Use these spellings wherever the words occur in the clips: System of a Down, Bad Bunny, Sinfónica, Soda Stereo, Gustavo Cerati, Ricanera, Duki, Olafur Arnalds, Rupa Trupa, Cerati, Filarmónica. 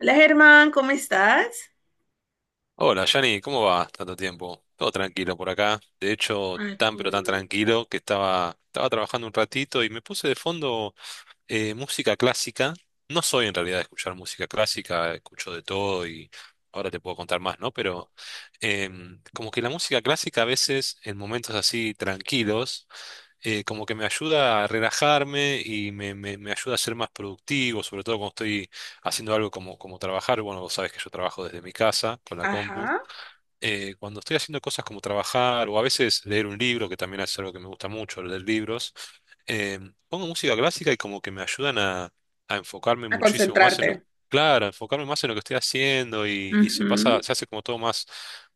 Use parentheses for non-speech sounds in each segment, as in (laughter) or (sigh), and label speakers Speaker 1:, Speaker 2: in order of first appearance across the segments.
Speaker 1: Hola Germán, ¿cómo estás?
Speaker 2: Hola, Yanni, ¿cómo va? Tanto tiempo. Todo tranquilo por acá. De hecho,
Speaker 1: Ay, qué
Speaker 2: tan pero tan
Speaker 1: bueno.
Speaker 2: tranquilo que estaba trabajando un ratito y me puse de fondo música clásica. No soy en realidad de escuchar música clásica, escucho de todo y ahora te puedo contar más, ¿no? Pero como que la música clásica a veces, en momentos así tranquilos, como que me ayuda a relajarme y me ayuda a ser más productivo, sobre todo cuando estoy haciendo algo como trabajar. Bueno, vos sabés que yo trabajo desde mi casa con la compu.
Speaker 1: Ajá,
Speaker 2: Cuando estoy haciendo cosas como trabajar o a veces leer un libro, que también es algo que me gusta mucho, leer libros, eh, pongo música clásica y como que me ayudan a enfocarme
Speaker 1: a
Speaker 2: muchísimo más en lo,
Speaker 1: concentrarte.
Speaker 2: claro, a enfocarme más en lo que estoy haciendo y se pasa,
Speaker 1: Ujú.
Speaker 2: se hace como todo más,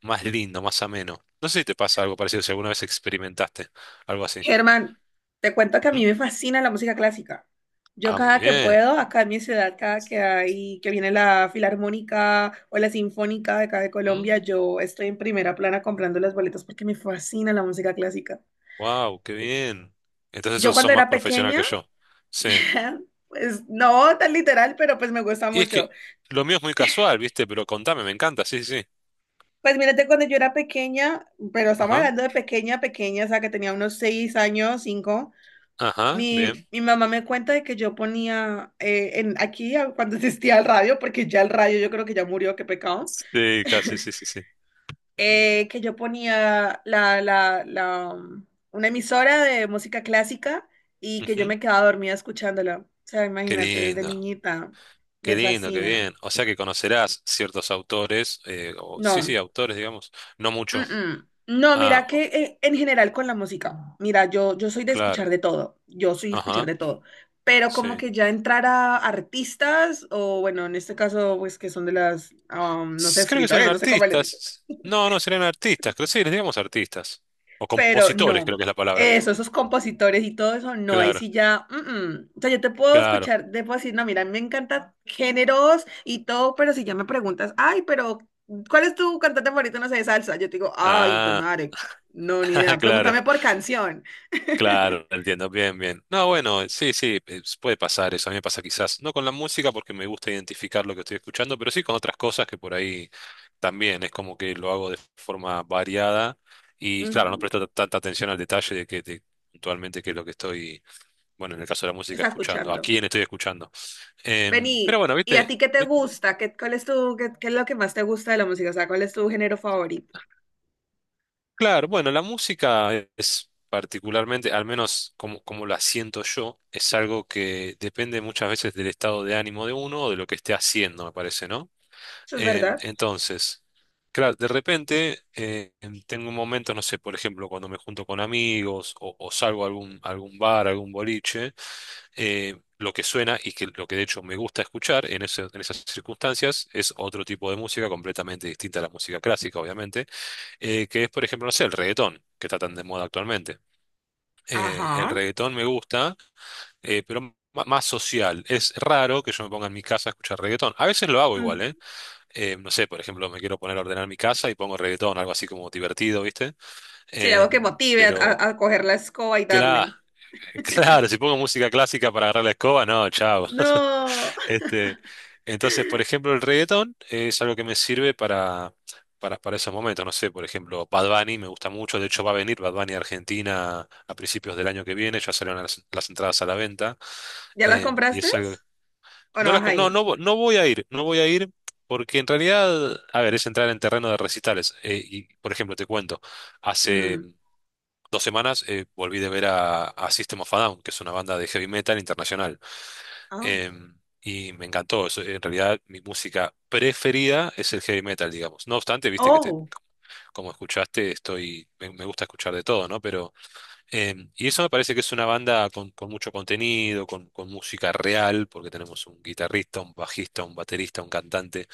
Speaker 2: más lindo, más ameno. No sé si te pasa algo parecido, si alguna vez experimentaste algo así.
Speaker 1: Germán, te cuento que a mí
Speaker 2: Ujú.
Speaker 1: me fascina la música clásica. Yo
Speaker 2: Ah, muy
Speaker 1: cada que
Speaker 2: bien.
Speaker 1: puedo, acá en mi ciudad, cada que hay, que viene la Filarmónica o la Sinfónica de acá de Colombia, yo estoy en primera plana comprando las boletas porque me fascina la música clásica.
Speaker 2: Wow, qué bien. Entonces
Speaker 1: Yo
Speaker 2: sos
Speaker 1: cuando
Speaker 2: más
Speaker 1: era
Speaker 2: profesional que
Speaker 1: pequeña,
Speaker 2: yo. Sí.
Speaker 1: (laughs) pues no tan literal, pero pues me gusta
Speaker 2: Y es que
Speaker 1: mucho.
Speaker 2: lo mío es muy casual, ¿viste? Pero contame, me encanta, sí, sí. Sí.
Speaker 1: Pues mírate, cuando yo era pequeña, pero estamos
Speaker 2: Ajá,
Speaker 1: hablando de pequeña, pequeña, o sea, que tenía unos 6 años, 5,
Speaker 2: ajá,
Speaker 1: mi,
Speaker 2: bien.
Speaker 1: mi mamá me cuenta de que yo ponía cuando (laughs) existía el radio, porque ya el radio yo creo que ya murió, qué pecado,
Speaker 2: Sí, casi,
Speaker 1: (laughs)
Speaker 2: sí, sí, sí.
Speaker 1: que yo ponía una emisora de música clásica y que yo
Speaker 2: Ujú.
Speaker 1: me quedaba dormida escuchándola. O sea,
Speaker 2: Qué
Speaker 1: imagínate, desde
Speaker 2: lindo,
Speaker 1: niñita,
Speaker 2: qué
Speaker 1: me
Speaker 2: lindo, qué
Speaker 1: fascina.
Speaker 2: bien. O sea que conocerás ciertos autores, o, sí,
Speaker 1: No.
Speaker 2: sí, autores, digamos, no
Speaker 1: Mm,
Speaker 2: mucho.
Speaker 1: mm. No,
Speaker 2: Ah,
Speaker 1: mira que en general con la música, mira, yo soy de escuchar
Speaker 2: claro,
Speaker 1: de todo, yo soy de escuchar
Speaker 2: ajá,
Speaker 1: de todo, pero como
Speaker 2: sí.
Speaker 1: que ya entrar a artistas, o bueno, en este caso, pues que son de las, no sé,
Speaker 2: Creo que serán
Speaker 1: escritores, no sé cómo les
Speaker 2: artistas. No, no, serán artistas, creo sí, les digamos artistas. O
Speaker 1: pero
Speaker 2: compositores, creo
Speaker 1: no.
Speaker 2: que es la palabra.
Speaker 1: Eso, esos compositores y todo eso, no, ahí
Speaker 2: Claro,
Speaker 1: sí ya, mm, mm. O sea, yo te puedo
Speaker 2: claro.
Speaker 1: escuchar, te puedo decir, no, mira, a mí me encantan géneros y todo, pero si ya me preguntas, ay, pero, ¿cuál es tu cantante favorito, no sé, de salsa? Yo te digo, ay, hijo de
Speaker 2: Ah,
Speaker 1: madre, no, ni idea,
Speaker 2: (laughs) claro.
Speaker 1: pregúntame por canción. (laughs)
Speaker 2: Claro, entiendo bien, bien. No, bueno, sí, sí, puede pasar eso. A mí me pasa quizás, no con la música porque me gusta identificar lo que estoy escuchando, pero sí con otras cosas que por ahí también es como que lo hago de forma variada y claro, no
Speaker 1: Ujú,
Speaker 2: presto tanta atención al detalle de que puntualmente qué es lo que estoy, bueno, en el caso de la
Speaker 1: ¿qué
Speaker 2: música
Speaker 1: estás
Speaker 2: escuchando, a
Speaker 1: escuchando?
Speaker 2: quién estoy escuchando. Pero
Speaker 1: Vení,
Speaker 2: bueno,
Speaker 1: ¿y a
Speaker 2: viste.
Speaker 1: ti qué te gusta? ¿Qué, cuál es tu, qué, qué es lo que más te gusta de la música? O sea, ¿cuál es tu género favorito?
Speaker 2: Claro, bueno, la música es particularmente, al menos como, como la siento yo, es algo que depende muchas veces del estado de ánimo de uno o de lo que esté haciendo, me parece, ¿no?
Speaker 1: Eso es verdad.
Speaker 2: Entonces, claro, de repente tengo momentos, no sé, por ejemplo, cuando me junto con amigos o salgo a algún bar, a algún boliche, lo que suena y que lo que de hecho me gusta escuchar en esas circunstancias es otro tipo de música completamente distinta a la música clásica, obviamente que es, por ejemplo, no sé, el reggaetón, que está tan de moda actualmente. El
Speaker 1: Ajá.
Speaker 2: reggaetón me gusta, pero más social. Es raro que yo me ponga en mi casa a escuchar reggaetón. A veces lo hago igual, ¿eh? No sé, por ejemplo, me quiero poner a ordenar mi casa y pongo reggaetón, algo así como divertido, ¿viste?
Speaker 1: Sí, algo que motive
Speaker 2: Pero,
Speaker 1: a coger la escoba y
Speaker 2: claro,
Speaker 1: darle.
Speaker 2: (laughs) claro, si pongo música clásica para agarrar la escoba, no, chao.
Speaker 1: No. (laughs)
Speaker 2: Este, entonces, por ejemplo, el reggaetón es algo que me sirve para esos momentos. No sé, por ejemplo, Bad Bunny me gusta mucho. De hecho, va a venir Bad Bunny a Argentina a principios del año que viene. Ya salieron las entradas a la venta.
Speaker 1: ¿Ya las
Speaker 2: Eh, y
Speaker 1: compraste?
Speaker 2: es algo-
Speaker 1: ¿O no
Speaker 2: No,
Speaker 1: vas a
Speaker 2: no,
Speaker 1: ir?
Speaker 2: no, no voy a ir, no voy a ir porque en realidad, a ver, es entrar en terreno de recitales. Y, por ejemplo, te cuento, hace
Speaker 1: Mm.
Speaker 2: 2 semanas volví de ver a, System of a Down, que es una banda de heavy metal internacional.
Speaker 1: Oh.
Speaker 2: Em, y me encantó. Eso, en realidad, mi música preferida es el heavy metal, digamos. No obstante, viste que te,
Speaker 1: Oh.
Speaker 2: como escuchaste, estoy, me gusta escuchar de todo, ¿no? Pero, y eso me parece que es una banda con, mucho contenido, con música real, porque tenemos un guitarrista, un bajista, un baterista, un cantante,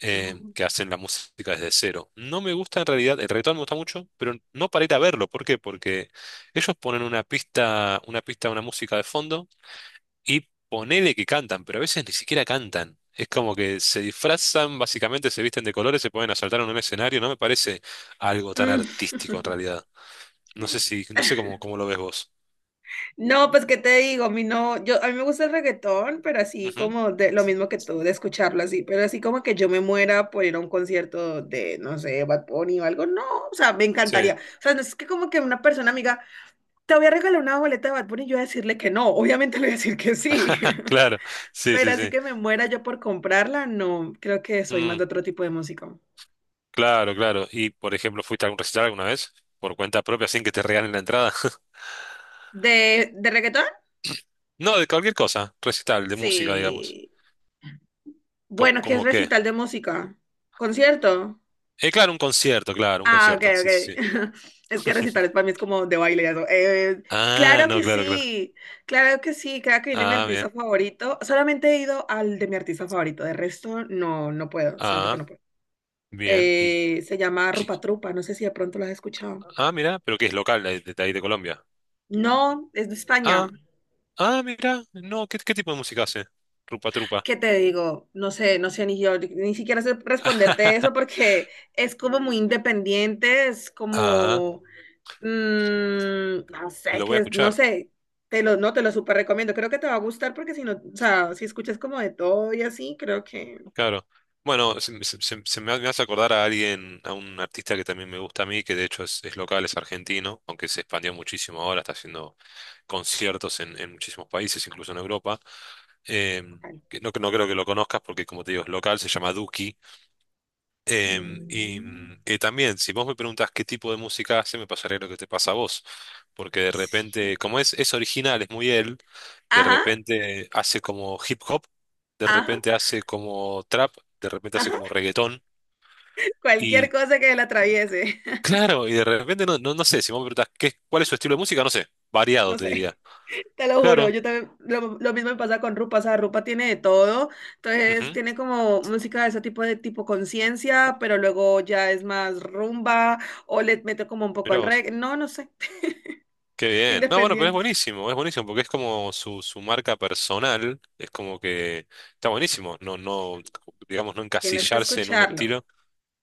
Speaker 1: Oh.
Speaker 2: que hacen la música desde cero. No me gusta en realidad, el reggaetón me gusta mucho, pero no para ir a verlo. ¿Por qué? Porque ellos ponen una pista, una música de fondo y ponele que cantan, pero a veces ni siquiera cantan. Es como que se disfrazan, básicamente se visten de colores, se pueden asaltar en un escenario. No me parece algo tan artístico en
Speaker 1: Mm. (laughs)
Speaker 2: realidad. No sé cómo lo ves vos.
Speaker 1: No, pues qué te digo, a mí no, yo a mí me gusta el reggaetón, pero así
Speaker 2: Ujú.
Speaker 1: como de lo mismo que tú, de escucharlo así, pero así como que yo me muera por ir a un concierto de, no sé, Bad Bunny o algo, no, o sea, me
Speaker 2: Sí,
Speaker 1: encantaría. O sea, no es que como que una persona amiga, te voy a regalar una boleta de Bad Bunny, y yo voy a decirle que no, obviamente le voy a decir que sí.
Speaker 2: (laughs)
Speaker 1: (laughs)
Speaker 2: claro, sí,
Speaker 1: Pero
Speaker 2: sí,
Speaker 1: así
Speaker 2: sí.
Speaker 1: que me muera yo por comprarla, no, creo que soy más
Speaker 2: Mm,
Speaker 1: de otro tipo de música.
Speaker 2: claro, claro. Y por ejemplo, ¿fuiste a algún recital alguna vez? Por cuenta propia, sin que te regalen la entrada. (laughs)
Speaker 1: ¿De reggaetón?
Speaker 2: No, de cualquier cosa, recital, de música, digamos.
Speaker 1: Sí.
Speaker 2: ¿Cómo,
Speaker 1: Bueno, ¿qué es
Speaker 2: cómo qué?
Speaker 1: recital de música? ¿Concierto?
Speaker 2: Claro, un concierto, claro, un
Speaker 1: Ah, ok,
Speaker 2: concierto. Sí,
Speaker 1: ok.
Speaker 2: sí,
Speaker 1: (laughs) Es que
Speaker 2: sí.
Speaker 1: recitales para mí es como de baile y eso.
Speaker 2: (laughs) Ah,
Speaker 1: Claro
Speaker 2: no,
Speaker 1: que
Speaker 2: claro, claro.
Speaker 1: sí, claro que sí, claro que viene mi
Speaker 2: Ah,
Speaker 1: artista
Speaker 2: bien.
Speaker 1: favorito. Solamente he ido al de mi artista favorito, de resto no, no puedo, siento que
Speaker 2: ah
Speaker 1: no puedo.
Speaker 2: Bien,
Speaker 1: Se llama
Speaker 2: qué-
Speaker 1: Rupa Trupa, no sé si de pronto lo has escuchado.
Speaker 2: mira, pero que es local de, ahí de Colombia.
Speaker 1: No, es de
Speaker 2: Ah,
Speaker 1: España.
Speaker 2: ah, mira, no, ¿qué tipo de música hace? Rupa Trupa.
Speaker 1: ¿Qué te digo? No sé, no sé, ni yo ni siquiera sé responderte eso
Speaker 2: (laughs)
Speaker 1: porque es como muy independiente, es
Speaker 2: Ah,
Speaker 1: como, mm, no sé,
Speaker 2: lo voy
Speaker 1: que
Speaker 2: a
Speaker 1: es, no
Speaker 2: escuchar,
Speaker 1: sé, te lo, no, te lo súper recomiendo, creo que te va a gustar porque si no, o sea, si escuchas como de todo y así, creo que...
Speaker 2: claro. Bueno, me hace acordar a alguien, a un artista que también me gusta a mí, que de hecho es local, es argentino, aunque se expandió muchísimo ahora, está haciendo conciertos en muchísimos países, incluso en Europa. Eh,
Speaker 1: ay,
Speaker 2: que no, no creo que lo conozcas porque, como te digo, es local, se llama Duki. Em, y,
Speaker 1: mm.
Speaker 2: mm, y también, si vos me preguntás qué tipo de música hace, me pasaría lo que te pasa a vos, porque de
Speaker 1: Sí.
Speaker 2: repente, como es original, es muy él, de
Speaker 1: Ajá,
Speaker 2: repente hace como hip hop, de
Speaker 1: ajá,
Speaker 2: repente hace como trap, de repente hace
Speaker 1: ajá,
Speaker 2: como reggaetón,
Speaker 1: (laughs) cualquier
Speaker 2: y
Speaker 1: cosa que la atraviese, (laughs)
Speaker 2: claro, y de repente no, no, no sé, si vos me preguntás cuál es su estilo de música, no sé, variado
Speaker 1: no
Speaker 2: te
Speaker 1: sé.
Speaker 2: diría.
Speaker 1: Te lo juro,
Speaker 2: Claro,
Speaker 1: yo también, lo mismo me pasa con Rupa, o sea, Rupa tiene de todo, entonces
Speaker 2: ujú,
Speaker 1: tiene como música de ese tipo de tipo conciencia, pero luego ya es más rumba o le mete como un poco
Speaker 2: mirá
Speaker 1: al
Speaker 2: vos.
Speaker 1: reggae, no, no sé,
Speaker 2: Qué
Speaker 1: (laughs)
Speaker 2: bien. No, bueno, pero
Speaker 1: independiente.
Speaker 2: es buenísimo, porque es como su marca personal, es como que está buenísimo, no, no, digamos, no
Speaker 1: Tienes que
Speaker 2: encasillarse en un
Speaker 1: escucharlo,
Speaker 2: estilo.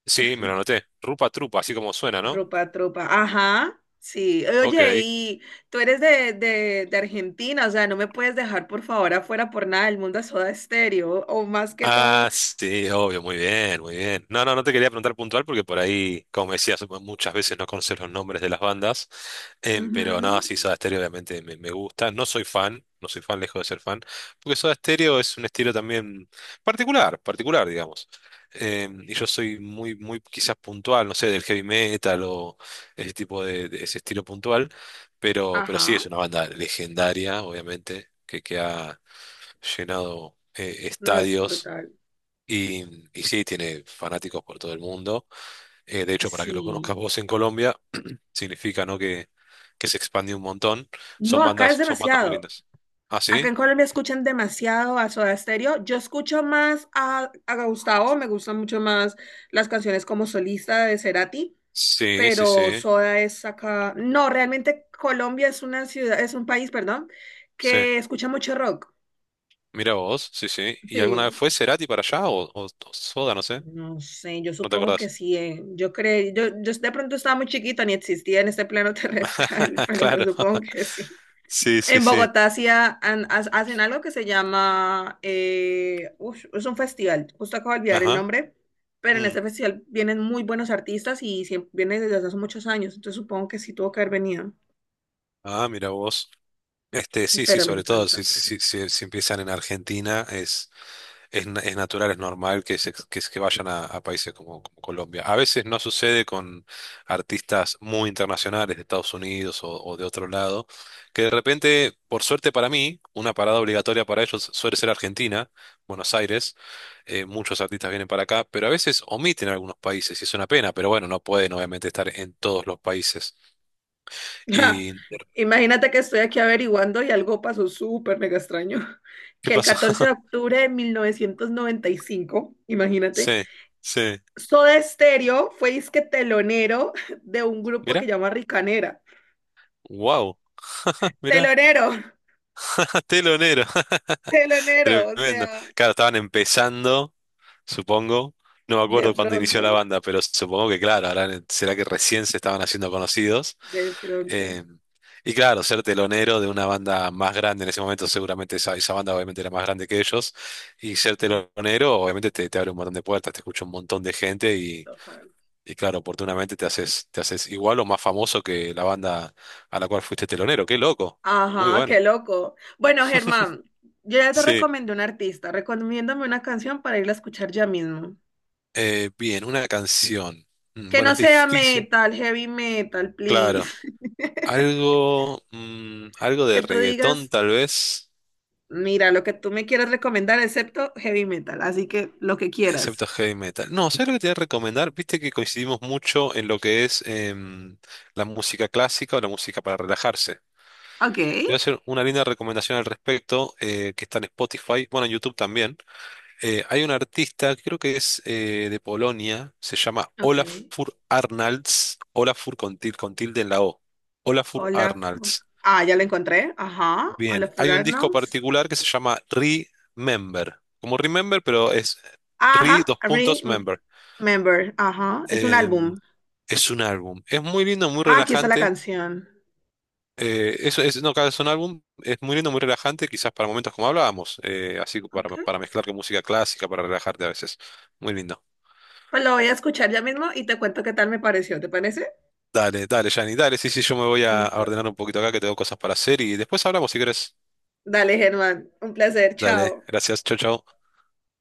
Speaker 2: Sí, me lo anoté. Rupa Trupa, así como suena, ¿no?
Speaker 1: Rupa, Trupa, ajá, sí,
Speaker 2: Ok.
Speaker 1: oye, y tú eres de, de Argentina, o sea, no me puedes dejar por favor afuera por nada del mundo a Soda Estéreo o más que todo,
Speaker 2: Ah, sí, obvio, muy bien, muy bien. No, no, no te quería preguntar puntual porque por ahí, como decías, muchas veces no conoces los nombres de las bandas, pero
Speaker 1: ujú,
Speaker 2: no, sí, Soda Stereo obviamente me gusta. No soy fan, no soy fan, lejos de ser fan, porque Soda Stereo es un estilo también particular, particular, digamos. Y yo soy muy, muy quizás puntual, no sé, del heavy metal o ese tipo de ese estilo puntual, pero sí
Speaker 1: ajá,
Speaker 2: es una banda legendaria, obviamente, que ha llenado
Speaker 1: no, es
Speaker 2: estadios
Speaker 1: brutal,
Speaker 2: y, y sí, tiene fanáticos por todo el mundo. De hecho, para que lo conozcas
Speaker 1: sí.
Speaker 2: vos en Colombia, significa, ¿no? que se expande un montón.
Speaker 1: No, acá es
Speaker 2: Son bandas muy
Speaker 1: demasiado.
Speaker 2: lindas. ¿Ah,
Speaker 1: Acá
Speaker 2: sí?
Speaker 1: en Colombia escuchan demasiado a Soda Stereo. Yo escucho más a Gustavo, me gustan mucho más las canciones como solista de Cerati,
Speaker 2: Sí, sí,
Speaker 1: pero
Speaker 2: sí,
Speaker 1: Soda es acá. No, realmente Colombia es una ciudad, es un país, perdón,
Speaker 2: sí.
Speaker 1: que escucha mucho rock.
Speaker 2: Mira vos, sí, sí. ¿Y
Speaker 1: Sí,
Speaker 2: alguna vez fue Cerati para allá o Soda, no sé?
Speaker 1: no sé, yo
Speaker 2: ¿No te
Speaker 1: supongo que
Speaker 2: acordás?
Speaker 1: sí. Eh. Yo creo, yo de pronto estaba muy chiquita, ni existía en este plano terrestre, (laughs)
Speaker 2: (laughs)
Speaker 1: pero yo
Speaker 2: Claro.
Speaker 1: supongo que sí.
Speaker 2: Sí, sí,
Speaker 1: En
Speaker 2: sí.
Speaker 1: Bogotá hacía hacen algo que se llama, ush, es un festival, justo acabo de olvidar el
Speaker 2: Ajá.
Speaker 1: nombre, pero en
Speaker 2: Mm.
Speaker 1: este festival vienen muy buenos artistas y vienen desde hace muchos años, entonces supongo que sí tuvo que haber venido,
Speaker 2: Ah, mira vos. Sí, sí,
Speaker 1: pero me
Speaker 2: sobre todo,
Speaker 1: encanta.
Speaker 2: si, si, si, si empiezan en Argentina, es natural, es normal que vayan a países como Colombia. A veces no sucede con artistas muy internacionales de Estados Unidos o de otro lado, que de repente, por suerte para mí, una parada obligatoria para ellos suele ser Argentina, Buenos Aires. Muchos artistas vienen para acá, pero a veces omiten algunos países y es una pena, pero bueno, no pueden obviamente estar en todos los países.
Speaker 1: (laughs)
Speaker 2: ¿Y
Speaker 1: Imagínate que estoy aquí averiguando y algo pasó súper mega extraño, (laughs)
Speaker 2: qué
Speaker 1: que el
Speaker 2: pasó?
Speaker 1: 14 de
Speaker 2: (laughs)
Speaker 1: octubre de 1995, imagínate,
Speaker 2: Sí, sí.
Speaker 1: Soda Stereo fue disque telonero (laughs) de un grupo que
Speaker 2: Mira,
Speaker 1: llama Ricanera.
Speaker 2: wow, mira,
Speaker 1: Telonero.
Speaker 2: (laughs) telonero. (laughs)
Speaker 1: Telonero, o
Speaker 2: Tremendo.
Speaker 1: sea,
Speaker 2: Claro, estaban empezando, supongo. No me
Speaker 1: de
Speaker 2: acuerdo cuándo inició
Speaker 1: pronto,
Speaker 2: la banda, pero supongo que, claro, ahora será que recién se estaban haciendo conocidos.
Speaker 1: de pronto.
Speaker 2: Eh, y claro, ser telonero de una banda más grande en ese momento, seguramente esa banda obviamente era más grande que ellos. Y ser
Speaker 1: Sí,
Speaker 2: telonero, obviamente, te abre un montón de puertas, te escucha un montón de gente y,
Speaker 1: ojalá.
Speaker 2: y claro, oportunamente te haces igual o más famoso que la banda a la cual fuiste telonero. Qué loco. Muy
Speaker 1: Ajá,
Speaker 2: bueno.
Speaker 1: qué loco. Bueno, Germán, yo ya te
Speaker 2: Sí.
Speaker 1: recomendé un artista, recomiéndame una canción para irla a escuchar ya mismo.
Speaker 2: Bien, una canción.
Speaker 1: Que
Speaker 2: Bueno,
Speaker 1: no
Speaker 2: es
Speaker 1: sea
Speaker 2: difícil.
Speaker 1: metal, heavy metal,
Speaker 2: Claro.
Speaker 1: please. (laughs)
Speaker 2: Algo
Speaker 1: Que
Speaker 2: de
Speaker 1: tú
Speaker 2: reggaetón
Speaker 1: digas,
Speaker 2: tal vez,
Speaker 1: mira, lo que tú me quieras recomendar, excepto heavy metal, así que lo que
Speaker 2: excepto
Speaker 1: quieras.
Speaker 2: heavy metal. No, ¿sabes lo que te voy a recomendar? Viste que coincidimos mucho en lo que es la música clásica o la música para relajarse.
Speaker 1: Ok,
Speaker 2: Te voy a hacer una linda recomendación al respecto que está en Spotify, bueno, en YouTube también. Hay un artista, creo que es de Polonia, se llama
Speaker 1: ok.
Speaker 2: Olafur Arnalds, Olafur con con tilde en la O. Olafur
Speaker 1: Hola.
Speaker 2: Arnalds.
Speaker 1: Ah, ya la encontré. Ajá.
Speaker 2: Bien,
Speaker 1: Hola,
Speaker 2: hay un disco
Speaker 1: Arnolds.
Speaker 2: particular que se llama Remember, como Remember, pero es
Speaker 1: Ajá,
Speaker 2: Re:Member.
Speaker 1: Remember, ajá, es un
Speaker 2: Eh,
Speaker 1: álbum.
Speaker 2: es un álbum, es muy lindo, muy
Speaker 1: Ah, aquí está la
Speaker 2: relajante.
Speaker 1: canción.
Speaker 2: No, claro, es un álbum, es muy lindo, muy relajante, quizás para momentos como hablábamos, así
Speaker 1: Ok,
Speaker 2: para mezclar con música clásica, para relajarte a veces. Muy lindo.
Speaker 1: pues lo voy a escuchar ya mismo y te cuento qué tal me pareció, ¿te parece?
Speaker 2: Dale, dale, Jani, dale, sí, sí, yo me voy a
Speaker 1: Listo.
Speaker 2: ordenar un poquito acá que tengo cosas para hacer y después hablamos si querés.
Speaker 1: Dale, Germán, un placer,
Speaker 2: Dale,
Speaker 1: chao.
Speaker 2: gracias, chau, chau.